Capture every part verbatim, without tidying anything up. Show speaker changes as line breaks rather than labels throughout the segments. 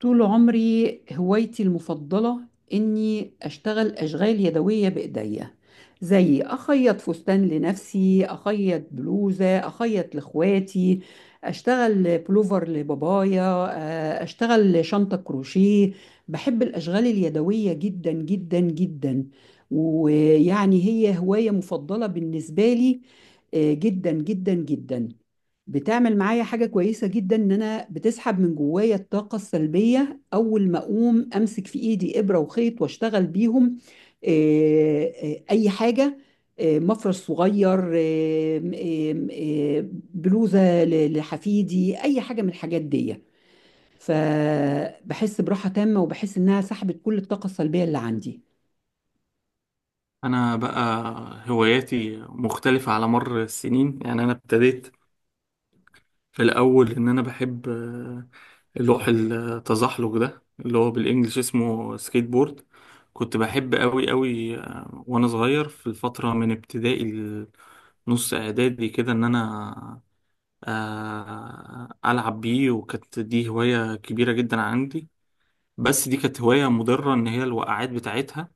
طول عمري هوايتي المفضلة إني أشتغل أشغال يدوية بإيديا، زي أخيط فستان لنفسي، أخيط بلوزة، أخيط لإخواتي، أشتغل بلوفر لبابايا، آه، أشتغل شنطة كروشيه. بحب الأشغال اليدوية جدا جدا جدا، ويعني هي هواية مفضلة بالنسبة لي. آه، جدا جدا جدا. بتعمل معايا حاجة كويسة جدا، إن أنا بتسحب من جوايا الطاقة السلبية أول ما أقوم أمسك في إيدي إبرة وخيط وأشتغل بيهم. آه، آه، أي حاجة. آه، مفرش صغير، آه، م- آه، آه، بلوزة ل- لحفيدي، أي حاجة من الحاجات دي. فبحس براحة تامة وبحس إنها سحبت كل الطاقة السلبية اللي عندي.
أنا بقى هواياتي مختلفة على مر السنين، يعني أنا ابتديت في الأول إن أنا بحب آه، لوح التزحلق ده اللي هو بالإنجلش اسمه سكيت بورد. كنت بحب أوي أوي آه، وأنا صغير في الفترة من ابتدائي لنص إعدادي كده، إن أنا آه، ألعب بيه، وكانت دي هواية كبيرة جدا عندي. بس دي كانت هواية مضرة، إن هي الوقعات بتاعتها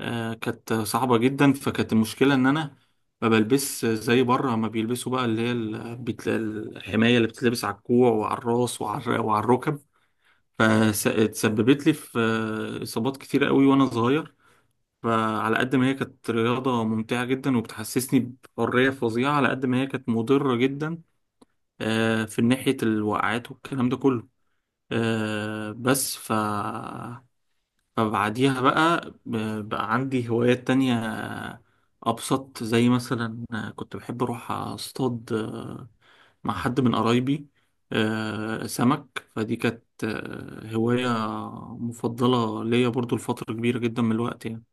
آه، كانت صعبة جدا. فكانت المشكلة إن أنا ما بلبس زي بره ما بيلبسوا بقى، اللي هي ال- بت- الحماية اللي بتتلبس على الكوع وعلى الراس وعلى وعلى الركب. فتسببت لي في آه، إصابات كتيرة قوي وأنا صغير. فعلى قد ما هي كانت رياضة ممتعة جدا وبتحسسني بحرية فظيعة، على قد ما هي كانت مضرة جدا آه، في ناحية الوقعات والكلام ده كله. آه، بس ف فبعديها بقى ب- بقى عندي هوايات تانية أبسط، زي مثلا كنت بحب أروح أصطاد آه، مع حد من قرايبي آه، سمك. فدي كانت آه، هواية مفضلة ليا برضو لفترة كبيرة جدا من الوقت يعني.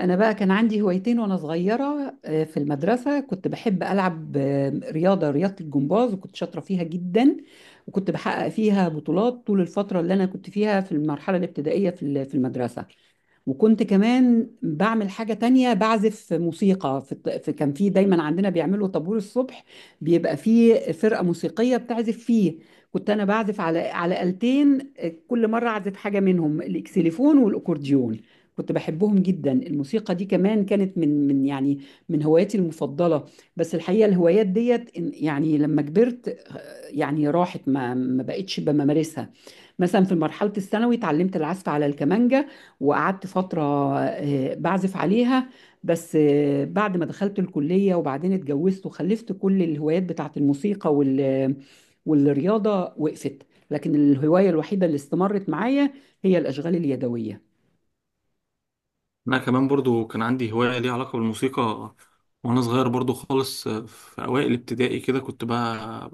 أنا بقى كان عندي هوايتين وأنا صغيرة. آه، في المدرسة كنت بحب ألعب، آه، رياضة رياضة الجمباز، وكنت شاطرة فيها جدا، وكنت بحقق فيها بطولات طول الفترة اللي أنا كنت فيها في المرحلة الابتدائية في ال- في المدرسة. وكنت كمان بعمل حاجة تانية، بعزف موسيقى. في الط- في- كان في دايما عندنا بيعملوا طابور الصبح، بيبقى فيه فرقة موسيقية بتعزف فيه. كنت أنا بعزف على على آلتين، آه، كل مرة أعزف حاجة منهم، الإكسليفون والأكورديون. كنت بحبهم جدا. الموسيقى دي كمان كانت من من يعني من هواياتي المفضلة. بس الحقيقة الهوايات ديت إن- يعني لما كبرت، آه، يعني راحت، ما ما بقتش بممارسها. مثلا في مرحلة الثانوي اتعلمت العزف على الكمانجة، وقعدت فترة آه، بعزف عليها. بس آه، بعد ما دخلت الكلية وبعدين اتجوزت وخلفت، كل الهوايات بتاعت الموسيقى وال والرياضة وقفت. لكن الهواية الوحيدة اللي استمرت معايا هي الأشغال اليدوية.
أنا كمان برضو كان عندي هواية ليها علاقة بالموسيقى وأنا صغير برضو خالص آه، في أوائل ابتدائي كده. كنت بقى,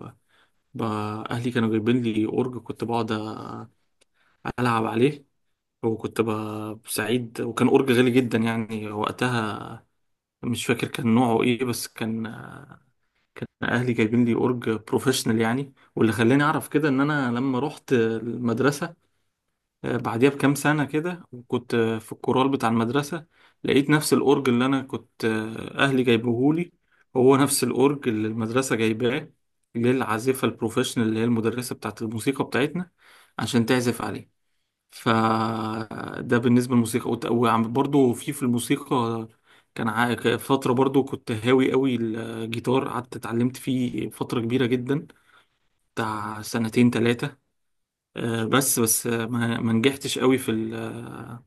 بقى أهلي كانوا جايبين لي أورج، كنت بقعد ألعب عليه، وكنت ب- سعيد، وكان أورج غالي جدا يعني وقتها. مش فاكر كان نوعه ايه، بس كان كان اهلي جايبين لي اورج بروفيشنال يعني. واللي خلاني اعرف كده ان انا لما رحت المدرسه آه، بعديها بكام سنه كده، وكنت آه، في الكورال بتاع المدرسه، لقيت نفس الاورج اللي انا كنت آه، اهلي جايبهولي، هو نفس الاورج اللي المدرسه جايباه للعازفه البروفيشنال اللي هي المدرسه بتاعت الموسيقى بتاعتنا، عشان تعزف عليه. فده بالنسبة للموسيقى، وت- وعم برضو في في الموسيقى كان ع- ك- فترة، برضو كنت هاوي قوي الجيتار، قعدت اتعلمت فيه فترة كبيرة جدا بتاع سنتين تلاتة. آه، بس بس آه، ما ما نجحتش قوي في ال-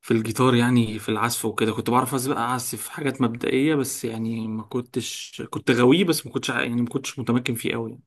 في الجيتار، يعني في العزف وكده. كنت بعرف أز- بقى اعزف حاجات مبدئية بس، يعني ما كنتش كنت غاويه، بس ما كنتش ع- يعني ما كنتش متمكن فيه قوي.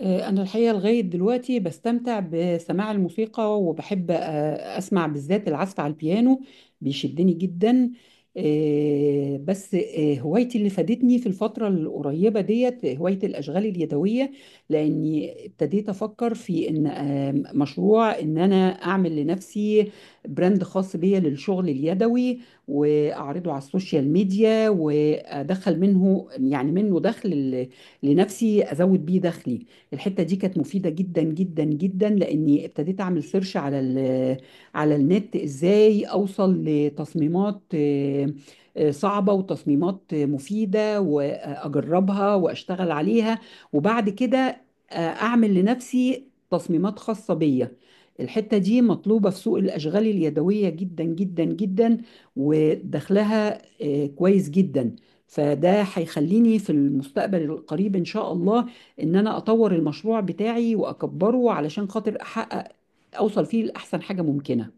آه، أنا الحقيقة لغاية دلوقتي بستمتع بسماع الموسيقى، وبحب آه، أسمع بالذات العزف على البيانو، بيشدني جدا. آه، بس آه، هوايتي اللي فادتني في الفترة القريبة ديت هواية الأشغال اليدوية، لأني ابتديت أفكر في إن آه، مشروع، إن أنا أعمل لنفسي براند خاص بيا للشغل اليدوي، وأعرضه على السوشيال ميديا وأدخل منه، يعني منه دخل ل- لنفسي، أزود بيه دخلي. الحتة دي كانت مفيدة جدا جدا جدا، لأني ابتديت أعمل سيرش على ال على النت، إزاي أوصل لتصميمات آه، آه، صعبة، وتصميمات آه، مفيدة، وأجربها وأشتغل عليها. وبعد كده آه، أعمل لنفسي تصميمات خاصة بيا. الحتة دي مطلوبة في سوق الأشغال اليدوية جدا جدا جدا، ودخلها آه، كويس جدا. فده هيخليني في المستقبل القريب إن شاء الله، ان انا اطور المشروع بتاعي واكبره، علشان خاطر احقق، اوصل فيه لاحسن حاجه ممكنه.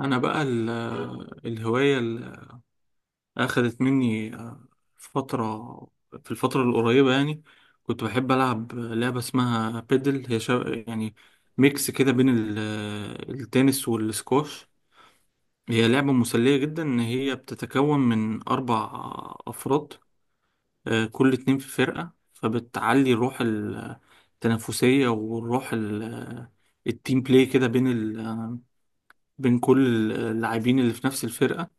انا بقى ال- الهواية أخدت مني آه، فترة، في الفترة القريبة يعني. كنت بحب ألعب لعبة اسمها بيدل، هي شا... يعني ميكس كده بين ال- التنس والسكواش. هي لعبة مسلية جدا، إن هي بتتكون من أربع أفراد، آه، كل اتنين في فرقة، فبتعلي الروح التنافسية والروح ال- التيم بلاي كده بين ال... بين كل اللاعبين اللي في نفس الفرقة.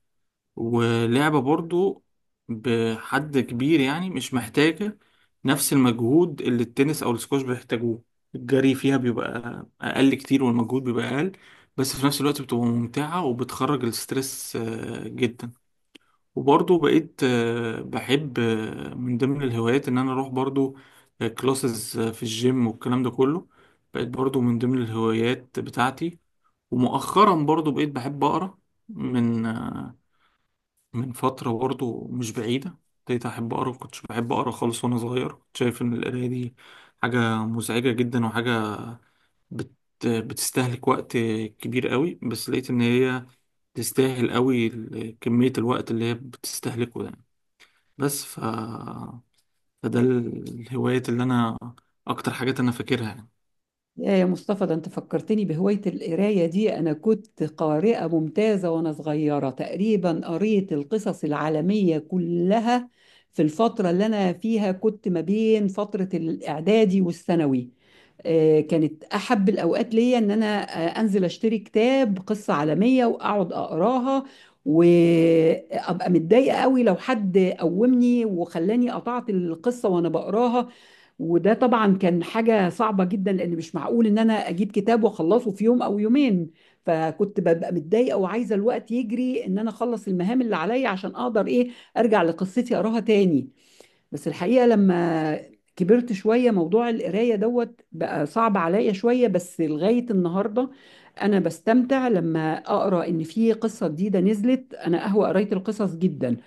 ولعبة برضو بحد كبير يعني مش محتاجة نفس المجهود اللي التنس أو السكواش بيحتاجوه. الجري فيها بيبقى أقل كتير، والمجهود بيبقى أقل، بس في نفس الوقت بتبقى ممتعة وبتخرج الستريس آه، جدا. وبرضو بقيت آه، بحب آه، من ضمن الهوايات إن أنا أروح برضو كلاسز في الجيم والكلام ده كله. بقيت برضو من ضمن الهوايات بتاعتي. ومؤخرا برضو بقيت بحب أقرأ، من آه، من فترة برضه مش بعيدة ابتديت أحب أقرأ. كنتش بحب أقرأ خالص وأنا صغير، كنت شايف إن القراية دي حاجة مزعجة جدا، وحاجة بت... بتستهلك وقت كبير قوي. بس لقيت إن هي تستاهل قوي ال- كمية الوقت اللي هي بتستهلكه ده. بس ف... فده ال- الهوايات اللي أنا أكتر حاجات أنا فاكرها يعني.
يا يا مصطفى، ده انت فكرتني بهوايه القرايه دي. انا كنت قارئه ممتازه وانا صغيره، تقريبا قريت القصص العالميه كلها في الفتره اللي انا فيها، كنت ما بين فتره الاعدادي والثانوي. آه، كانت احب الاوقات ليا ان انا آه، انزل اشتري كتاب قصه عالميه واقعد اقراها، وابقى متضايقه قوي لو حد قومني وخلاني قطعت القصه وانا بقراها. وده طبعا كان حاجه صعبه جدا، لان مش معقول ان انا اجيب كتاب واخلصه في يوم او يومين. فكنت ببقى متضايقه وعايزه الوقت يجري، ان انا اخلص المهام اللي عليا عشان اقدر ايه، ارجع لقصتي اقراها تاني. بس الحقيقة لما كبرت شوية موضوع القراية دوت بقى صعب عليا شوية، بس لغاية النهاردة أنا بستمتع لما أقرأ. إن في قصة جديدة نزلت، أنا أهوى قراية القصص جدا.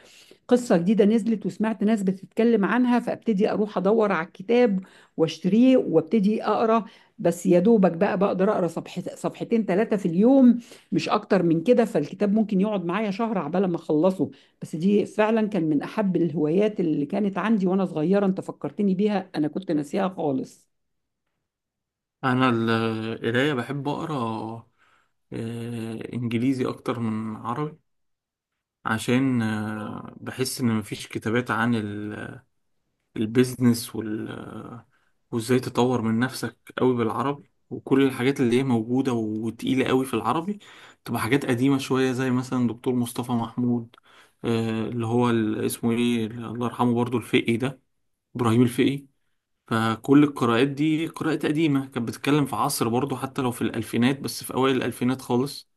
قصة جديدة نزلت وسمعت ناس بتتكلم عنها، فابتدي اروح ادور على الكتاب واشتريه وابتدي اقرا. بس يا دوبك بقى بقدر اقرا صفح صفحتين ثلاثة في اليوم، مش اكتر من كده، فالكتاب ممكن يقعد معايا شهر عبال ما اخلصه. بس دي فعلا كان من احب الهوايات اللي كانت عندي وانا صغيرة، انت فكرتني بيها، انا كنت ناسيها خالص.
أنا ال- القراية بحب أقرأ آه، إنجليزي أكتر من عربي، عشان آه، بحس ان مفيش كتابات عن ال- البيزنس وال آه، وازاي تطور من نفسك قوي بالعربي، وكل الحاجات اللي هي موجودة وتقيلة قوي في العربي تبقى حاجات قديمة شوية، زي مثلا دكتور مصطفى محمود آه، اللي هو ال- اسمه ايه، الله يرحمه، برضو الفقي ده، ابراهيم الفقي. فكل القراءات دي قراءات قديمة، كانت بتتكلم في عصر برضو، حتى لو في الألفينات، بس في أوائل الألفينات خالص،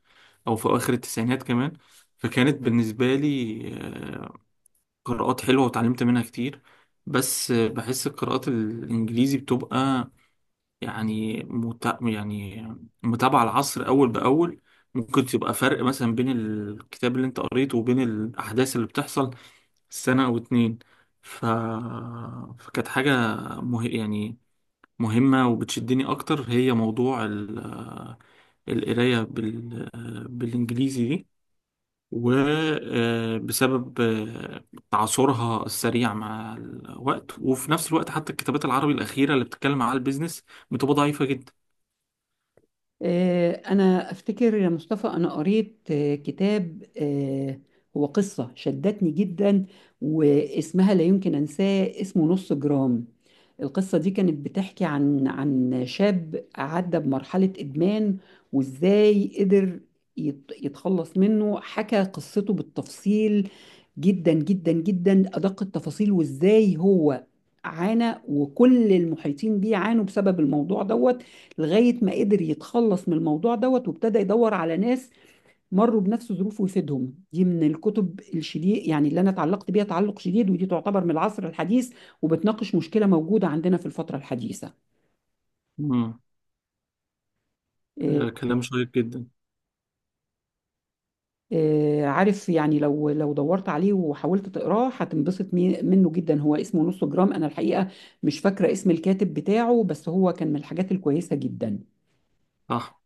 أو في أواخر التسعينات كمان. فكانت بالنسبة لي آه، قراءات حلوة وتعلمت منها كتير. بس بحس القراءات الإنجليزي بتبقى يعني مت... يعني متابعة العصر أول بأول، ممكن تبقى فرق مثلا بين الكتاب اللي أنت قريته وبين الأحداث اللي بتحصل سنة أو اتنين. ف... فكانت حاجة مه... يعني مهمة وبتشدني أكتر، هي موضوع ال... القراية بال... بالإنجليزي دي، وبسبب تعاصرها السريع مع الوقت. وفي نفس الوقت حتى الكتابات العربي الأخيرة اللي بتتكلم على البيزنس بتبقى ضعيفة جدا.
آه، أنا أفتكر يا مصطفى، أنا قريت آه، كتاب، آه، هو قصة شدتني جدا، واسمها لا يمكن أنساه، اسمه نص جرام. القصة دي كانت بتحكي عن عن شاب عدى بمرحلة إدمان، وإزاي قدر يت- يتخلص منه. حكى قصته بالتفصيل، جدا جدا جدا، أدق التفاصيل، وإزاي هو عانى وكل المحيطين بيه عانوا بسبب الموضوع دوت، لغاية ما قدر يتخلص من الموضوع دوت، وابتدى يدور على ناس مروا بنفس ظروفه ويفيدهم. دي من الكتب الشديد يعني اللي أنا اتعلقت بيها تعلق شديد، ودي تعتبر من العصر الحديث، وبتناقش مشكلة موجودة عندنا في الفترة الحديثة.
مم.
آه،
آه، كلام شيق جدا.
آه، عارف يعني، لو لو دورت عليه وحاولت تقراه هتنبسط مي- منه جدا. هو اسمه نص جرام، أنا الحقيقة مش فاكرة اسم الكاتب بتاعه، بس هو كان من الحاجات الكويسة جدا.
صح.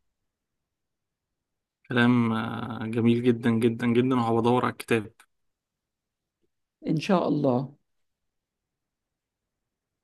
كلام آه، جميل جدا جدا جدا، وهبدور على الكتاب.
إن شاء الله.